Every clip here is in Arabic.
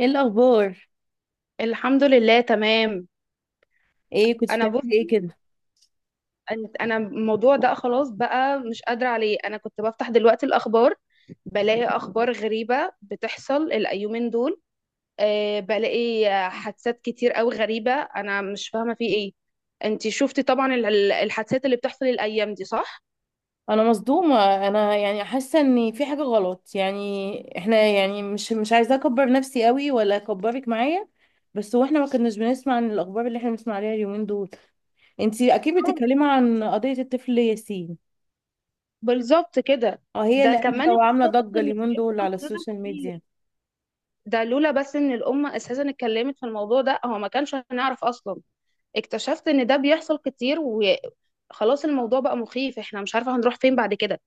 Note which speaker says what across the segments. Speaker 1: ايه الاخبار؟
Speaker 2: الحمد لله، تمام.
Speaker 1: ايه كنت
Speaker 2: انا بص،
Speaker 1: بتعملي ايه كده؟
Speaker 2: انا الموضوع ده خلاص بقى مش قادره عليه. انا كنت بفتح دلوقتي الاخبار، بلاقي اخبار غريبه بتحصل الايومين دول. بلاقي حادثات كتير قوي غريبه، انا مش فاهمه في ايه. انتي شفتي طبعا الحادثات اللي بتحصل الايام دي، صح؟
Speaker 1: انا مصدومه، انا يعني حاسه ان في حاجه غلط، يعني احنا يعني مش عايزه اكبر نفسي قوي ولا اكبرك معايا. بس هو احنا ما كناش بنسمع عن الاخبار اللي احنا بنسمع عليها اليومين دول. انتي اكيد
Speaker 2: آه،
Speaker 1: بتتكلمي عن قضيه الطفل ياسين.
Speaker 2: بالظبط كده.
Speaker 1: اه، هي
Speaker 2: ده
Speaker 1: اللي قلبه
Speaker 2: كمان
Speaker 1: وعامله
Speaker 2: اكتشفت
Speaker 1: ضجه
Speaker 2: ان
Speaker 1: اليومين دول
Speaker 2: بيحصل
Speaker 1: على
Speaker 2: كده
Speaker 1: السوشيال
Speaker 2: كتير.
Speaker 1: ميديا.
Speaker 2: ده لولا بس ان الامه اساسا اتكلمت في الموضوع ده هو ما كانش هنعرف اصلا. اكتشفت ان ده بيحصل كتير، وخلاص الموضوع بقى مخيف، احنا مش عارفة هنروح فين بعد كده.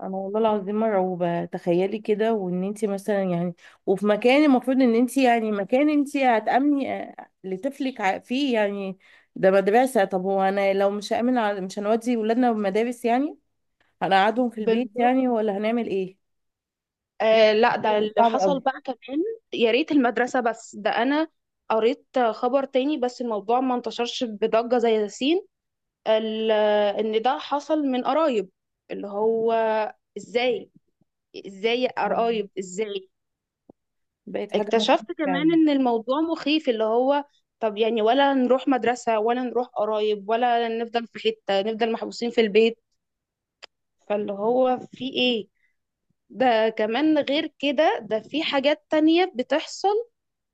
Speaker 1: انا والله العظيم مرعوبه، تخيلي كده، وان انت مثلا يعني وفي مكان المفروض ان انت يعني مكان انت هتامني لطفلك فيه يعني. ده مدرسه، طب هو انا لو مش هامن مش هنودي ولادنا المدارس يعني؟ هنقعدهم في البيت
Speaker 2: بالظبط.
Speaker 1: يعني ولا هنعمل ايه؟
Speaker 2: آه لا، ده
Speaker 1: بقت
Speaker 2: اللي
Speaker 1: صعبه
Speaker 2: حصل
Speaker 1: قوي.
Speaker 2: بقى كمان. يا ريت المدرسة، بس ده انا قريت خبر تاني بس الموضوع ما انتشرش بضجة زي ياسين. ال- ان ده حصل من قرايب، اللي هو ازاي؟ ازاي يا
Speaker 1: آه،
Speaker 2: قرايب، ازاي؟
Speaker 1: بقت حاجه مخيفه
Speaker 2: اكتشفت
Speaker 1: فعلا.
Speaker 2: كمان ان الموضوع مخيف، اللي هو طب يعني، ولا نروح مدرسة ولا نروح قرايب ولا نفضل في حتة، نفضل محبوسين في البيت؟ فاللي هو في ايه؟ ده كمان غير كده، ده في حاجات تانية بتحصل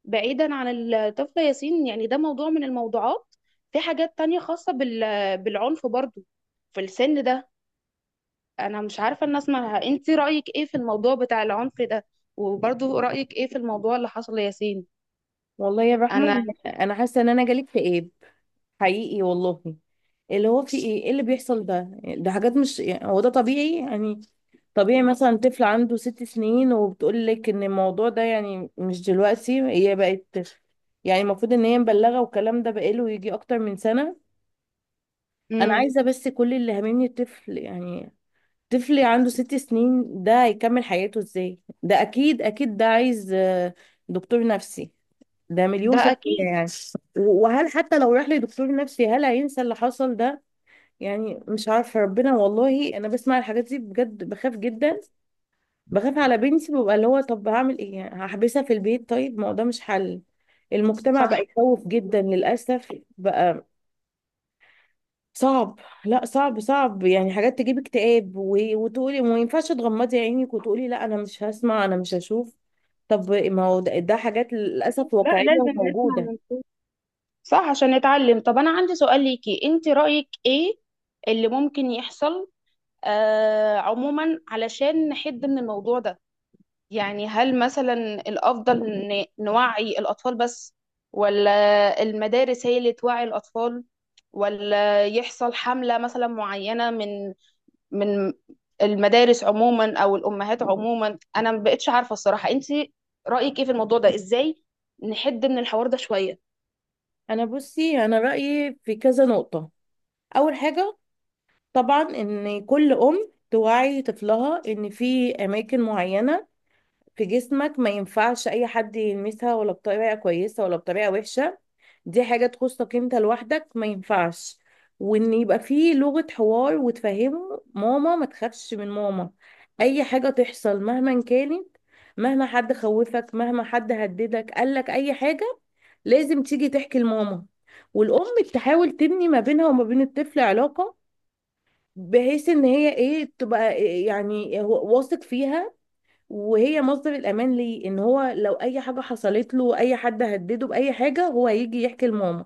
Speaker 2: بعيدا عن الطفل ياسين، يعني ده موضوع من الموضوعات. في حاجات تانية خاصة بالعنف برضو في السن ده. انا مش عارفة الناس، ما انت رأيك ايه في الموضوع بتاع العنف ده؟ وبرضو رأيك ايه في الموضوع اللي حصل لياسين؟
Speaker 1: والله يا رحمه،
Speaker 2: انا.
Speaker 1: انا حاسه ان انا جالي اكتئاب حقيقي والله. اللي هو في ايه، ايه اللي بيحصل ده؟ ده حاجات مش، يعني هو ده طبيعي يعني؟ طبيعي مثلا طفل عنده 6 سنين وبتقول لك ان الموضوع ده، يعني مش دلوقتي هي بقت، يعني المفروض ان هي مبلغه والكلام ده بقاله يجي اكتر من سنه. انا
Speaker 2: امم.
Speaker 1: عايزه بس كل اللي هاممني الطفل يعني. طفل عنده 6 سنين، ده هيكمل حياته ازاي؟ ده اكيد اكيد ده عايز دكتور نفسي. ده مليون
Speaker 2: ده
Speaker 1: في
Speaker 2: اكيد.
Speaker 1: المية يعني. وهل حتى لو راح لدكتور نفسي هل هينسى اللي حصل ده؟ يعني مش عارفة، ربنا، والله انا بسمع الحاجات دي بجد بخاف جدا. بخاف على بنتي، ببقى اللي هو طب هعمل ايه يعني، هحبسها في البيت؟ طيب ما هو ده مش حل. المجتمع بقى
Speaker 2: صح.
Speaker 1: يخوف جدا للأسف. بقى صعب. لا صعب صعب، يعني حاجات تجيب اكتئاب وتقولي ما ينفعش تغمضي عينك وتقولي لا انا مش هسمع انا مش هشوف. طب ما هو ده, حاجات للأسف
Speaker 2: لا
Speaker 1: واقعية
Speaker 2: لازم نسمع
Speaker 1: وموجودة.
Speaker 2: صح، عشان نتعلم. طب انا عندي سؤال ليكي، انت رأيك ايه اللي ممكن يحصل عموما علشان نحد من الموضوع ده؟ يعني هل مثلا الأفضل إن نوعي الأطفال بس، ولا المدارس هي اللي توعي الأطفال، ولا يحصل حملة مثلا معينة من المدارس عموما أو الأمهات عموما؟ أنا ما بقتش عارفة الصراحة. أنت رأيك إيه في الموضوع ده؟ إزاي نحد من الحوار ده شوية؟
Speaker 1: انا بصي، انا رأيي في كذا نقطة. اول حاجة، طبعا ان كل ام توعي طفلها ان في اماكن معينة في جسمك ما ينفعش اي حد يلمسها، ولا بطريقة كويسة ولا بطريقة وحشة، دي حاجة تخصك انت لوحدك، ما ينفعش. وان يبقى فيه لغة حوار وتفهمه ماما، ما تخافش من ماما. اي حاجة تحصل مهما كانت، مهما حد خوفك، مهما حد هددك قالك اي حاجة، لازم تيجي تحكي لماما. والام تحاول تبني ما بينها وما بين الطفل علاقة، بحيث ان هي ايه تبقى إيه يعني واثق فيها، وهي مصدر الأمان ليه، إن هو لو أي حاجة حصلت له، أي حد هدده بأي حاجة، هو هيجي يحكي لماما.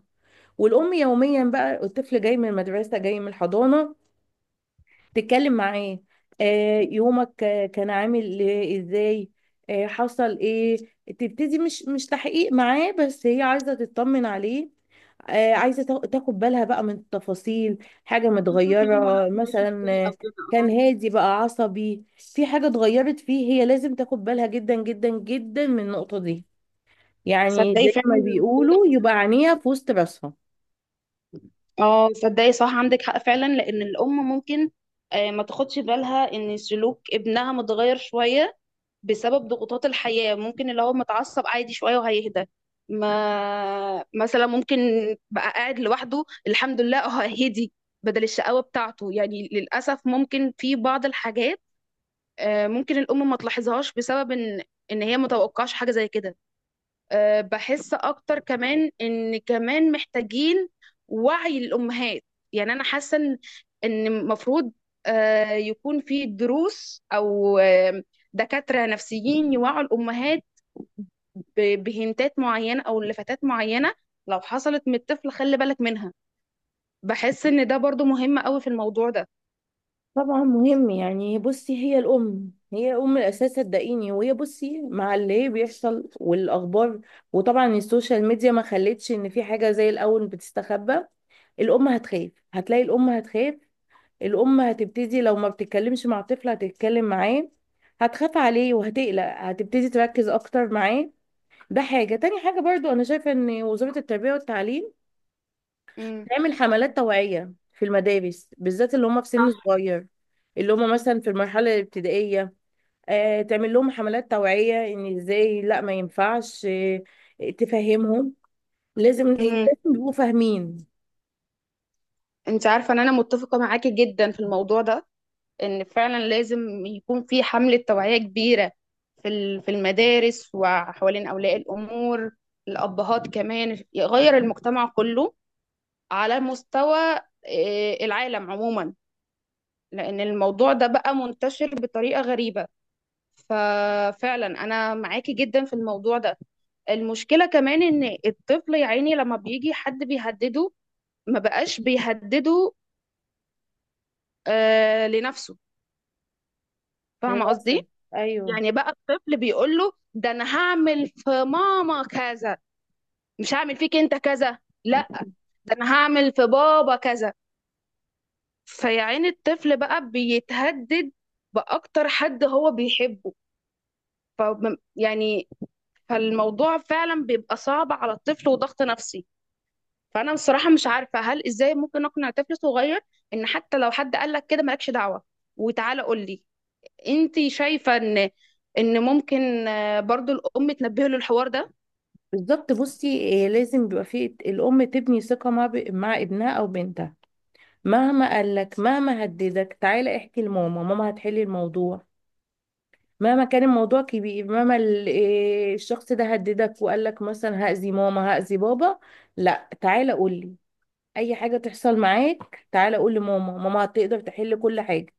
Speaker 1: والأم يوميا بقى الطفل جاي من المدرسة، جاي من الحضانة، تتكلم معاه. يومك كان عامل ازاي؟ حصل ايه؟ تبتدي، مش تحقيق معاه، بس هي عايزة تطمن عليه. عايزة تاخد بالها بقى من التفاصيل. حاجة
Speaker 2: تشوفي هم
Speaker 1: متغيرة
Speaker 2: نفسهم ماشي
Speaker 1: مثلا
Speaker 2: ازاي
Speaker 1: آه،
Speaker 2: او كده.
Speaker 1: كان
Speaker 2: اه.
Speaker 1: هادي بقى عصبي، في حاجة اتغيرت فيه، هي لازم تاخد بالها جدا جدا جدا من النقطة دي. يعني
Speaker 2: تصدقي
Speaker 1: زي
Speaker 2: فعلا
Speaker 1: ما
Speaker 2: الموضوع
Speaker 1: بيقولوا
Speaker 2: ده.
Speaker 1: يبقى عينيها في وسط راسها.
Speaker 2: اه صدقي، صح، عندك حق فعلا، لان الام ممكن ما تاخدش بالها ان سلوك ابنها متغير شويه بسبب ضغوطات الحياه. ممكن اللي هو متعصب عادي شويه وهيهدى. ما مثلا ممكن بقى قاعد لوحده، الحمد لله، اه هدي بدل الشقاوه بتاعته. يعني للاسف ممكن في بعض الحاجات، ممكن الام ما تلاحظهاش، بسبب ان هي متوقعش حاجه زي كده. بحس اكتر كمان ان كمان محتاجين وعي للامهات. يعني انا حاسه إن المفروض يكون في دروس او دكاتره نفسيين يوعوا الامهات بهنتات معينه او لفتات معينه لو حصلت من الطفل، خلي بالك منها. بحس ان ده برضو مهم قوي في الموضوع ده.
Speaker 1: طبعا مهم، يعني بصي هي الام، هي ام الاساس صدقيني، وهي بصي مع اللي هي بيحصل والاخبار، وطبعا السوشيال ميديا ما خلتش ان في حاجه زي الاول بتستخبى. الام هتخاف، هتلاقي الام هتخاف. الام هتبتدي لو ما بتتكلمش مع الطفل هتتكلم معاه، هتخاف عليه وهتقلق، هتبتدي تركز اكتر معاه. ده حاجه، تاني حاجه برضو انا شايفه ان وزاره التربيه والتعليم
Speaker 2: امم.
Speaker 1: نعمل حملات توعية في المدارس، بالذات اللي هم في سن
Speaker 2: صح.
Speaker 1: صغير، اللي هم مثلا في المرحلة الابتدائية. تعمل لهم حملات توعية ان ازاي، لا ما ينفعش، تفهمهم. لازم إيه،
Speaker 2: امم.
Speaker 1: لازم يبقوا فاهمين.
Speaker 2: انت عارفه ان انا متفقه معاكي جدا في الموضوع ده، ان فعلا لازم يكون في حملة توعية كبيرة في في المدارس، وحوالين أولياء الأمور، الأبهات كمان، يغير المجتمع كله على مستوى العالم عموما. لأن الموضوع ده بقى منتشر بطريقة غريبة. ففعلا أنا معاكي جدا في الموضوع ده. المشكلة كمان إن الطفل يا عيني لما بيجي حد بيهدده، ما بقاش بيهدده لنفسه. فاهمة
Speaker 1: للأسف.
Speaker 2: قصدي؟
Speaker 1: ايوه.
Speaker 2: يعني بقى الطفل بيقول له، ده انا هعمل في ماما كذا، مش هعمل فيك انت كذا. لا، ده انا هعمل في بابا كذا. فيا عيني الطفل بقى بيتهدد باكتر حد هو بيحبه. ف يعني، فالموضوع فعلا بيبقى صعب على الطفل وضغط نفسي. فانا بصراحه مش عارفه هل ازاي ممكن اقنع طفل صغير ان حتى لو حد قال لك كده مالكش دعوه وتعالى قول لي. انت شايفه ان ممكن برضو الام تنبهه للحوار ده؟
Speaker 1: بالظبط، بصي لازم بيبقى في الأم تبني ثقة مع مع ابنها أو بنتها. مهما قالك، مهما هددك، تعالى احكي لماما، ماما هتحل الموضوع. مهما كان الموضوع كبير، مهما ال- إيه الشخص ده هددك وقال لك مثلا هأذي ماما هأذي بابا، لا تعالى قول لي. اي حاجة تحصل معاك تعالى قول لماما، ماما هتقدر تحل كل حاجة.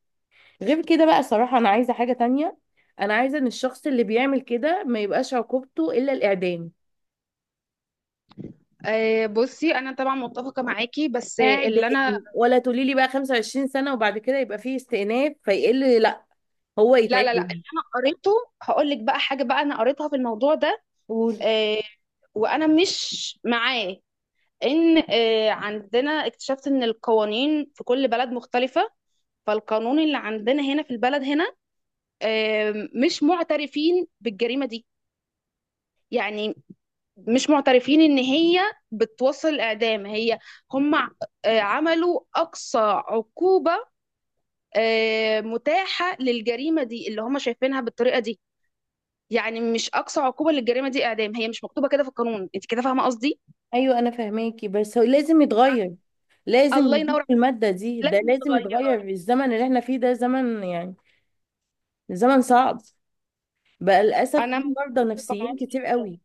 Speaker 1: غير كده بقى صراحة، انا عايزة حاجة تانية. انا عايزة ان الشخص اللي بيعمل كده ما يبقاش عقوبته الا الاعدام.
Speaker 2: آه، بصي انا طبعا متفقه معاكي بس
Speaker 1: اعدام.
Speaker 2: اللي انا.
Speaker 1: ولا تقولي لي بقى 25 سنة وبعد كده يبقى فيه استئناف فيقل لا، هو
Speaker 2: لا لا لا،
Speaker 1: يتعدم.
Speaker 2: اللي انا قريته، هقول لك بقى حاجه بقى انا قريتها في الموضوع ده.
Speaker 1: قول.
Speaker 2: آه، وانا مش معاه، ان عندنا اكتشفت ان القوانين في كل بلد مختلفه. فالقانون اللي عندنا هنا في البلد هنا مش معترفين بالجريمه دي، يعني مش معترفين ان هي بتوصل الاعدام. هي هم عملوا اقصى عقوبه متاحه للجريمه دي اللي هم شايفينها بالطريقه دي. يعني مش اقصى عقوبه للجريمه دي اعدام، هي مش مكتوبه كده في القانون. انت كده فاهمه قصدي؟
Speaker 1: ايوه انا فاهماكي بس هو لازم يتغير. لازم
Speaker 2: الله
Speaker 1: يزيد
Speaker 2: ينور عليك.
Speaker 1: في المادة دي، ده
Speaker 2: لازم
Speaker 1: لازم
Speaker 2: يتغير.
Speaker 1: يتغير، الزمن اللي احنا فيه ده زمن يعني. زمن صعب. بقى للاسف في
Speaker 2: انا
Speaker 1: مرضى
Speaker 2: متفقه
Speaker 1: نفسيين
Speaker 2: معاكي
Speaker 1: كتير
Speaker 2: جدا.
Speaker 1: قوي.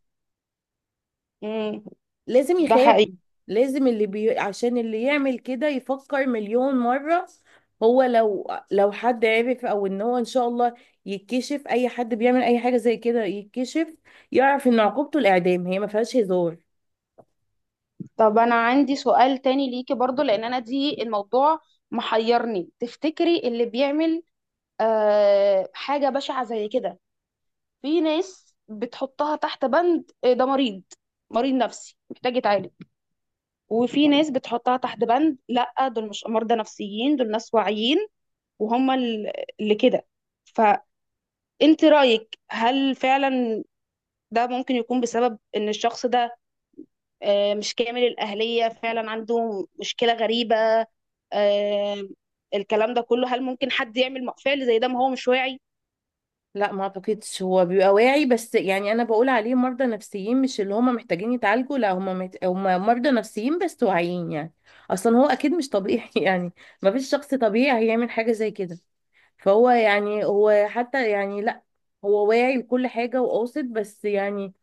Speaker 2: امم.
Speaker 1: لازم
Speaker 2: ده
Speaker 1: يخافوا.
Speaker 2: حقيقي.
Speaker 1: لازم عشان اللي يعمل كده يفكر مليون مرة. هو لو حد عرف او ان هو ان شاء الله يتكشف، اي حد بيعمل اي حاجة زي كده يتكشف يعرف ان عقوبته الاعدام، هي ما فيهاش هزار.
Speaker 2: طب انا عندي سؤال تاني ليكي برضو، لان انا دي الموضوع محيرني. تفتكري اللي بيعمل حاجه بشعه زي كده، في ناس بتحطها تحت بند ده مريض، مريض نفسي محتاج يتعالج، وفي ناس بتحطها تحت بند لا دول مش مرضى نفسيين، دول ناس واعيين وهم اللي كده. فانت رأيك هل فعلا ده ممكن يكون بسبب ان الشخص ده مش كامل الأهلية، فعلا عنده مشكلة غريبة؟ آه، الكلام ده كله، هل ممكن حد يعمل فعل زي ده ما هو مش واعي؟
Speaker 1: لا ما اعتقدش هو بيبقى واعي، بس يعني انا بقول عليه مرضى نفسيين مش اللي هم محتاجين يتعالجوا، لا هم هم مرضى نفسيين بس واعيين يعني. اصلا هو اكيد مش طبيعي يعني. ما فيش شخص طبيعي هيعمل حاجة زي كده. فهو يعني هو حتى يعني لا، هو واعي لكل حاجة وقاصد، بس يعني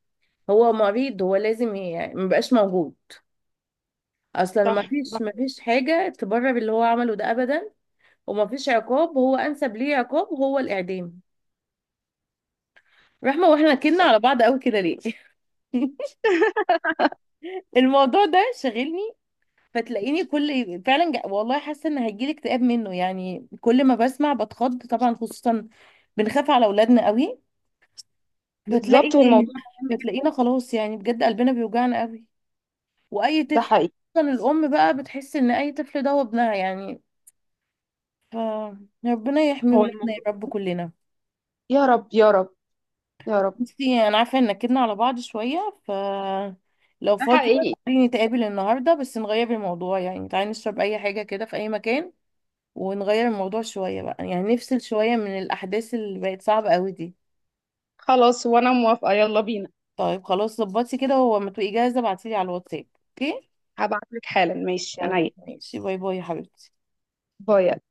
Speaker 1: هو مريض، هو لازم يعني مبقاش موجود. اصلا ما
Speaker 2: صح.
Speaker 1: فيش ما فيش حاجة تبرر اللي هو عمله ده ابدا. وما فيش عقاب هو انسب ليه عقاب هو الاعدام. رحمة واحنا كنا
Speaker 2: طب.
Speaker 1: على بعض قوي كده ليه. الموضوع ده شاغلني، فتلاقيني كل فعلا والله حاسه ان هيجيلي اكتئاب منه يعني، كل ما بسمع بتخض، طبعا خصوصا بنخاف على اولادنا قوي. فتلاقي
Speaker 2: بالظبط، والموضوع مهم جدا.
Speaker 1: فتلاقينا خلاص يعني بجد قلبنا بيوجعنا قوي، واي
Speaker 2: ده
Speaker 1: طفل،
Speaker 2: حقيقي.
Speaker 1: خصوصا الام بقى بتحس ان اي طفل ده هو ابنها يعني. فربنا يحمي
Speaker 2: هو
Speaker 1: ولادنا يا
Speaker 2: الموضوع.
Speaker 1: رب كلنا.
Speaker 2: يا رب يا رب يا رب.
Speaker 1: بصي انا عارفه ان كدنا على بعض شويه، ف لو
Speaker 2: ده
Speaker 1: فاضية
Speaker 2: حقيقي.
Speaker 1: تعالي نتقابل النهاردة بس نغير الموضوع، يعني تعالي نشرب أي حاجة كده في أي مكان ونغير الموضوع شوية بقى، يعني نفصل شوية من الأحداث اللي بقت صعبة قوي دي.
Speaker 2: خلاص، وانا موافقة، يلا بينا.
Speaker 1: طيب خلاص، ظبطي كده وما تبقي جاهزة ابعتيلي على الواتساب، اوكي؟
Speaker 2: هبعت لك حالا، ماشي،
Speaker 1: يلا،
Speaker 2: عينيا.
Speaker 1: ماشي، باي باي يا حبيبتي.
Speaker 2: باي.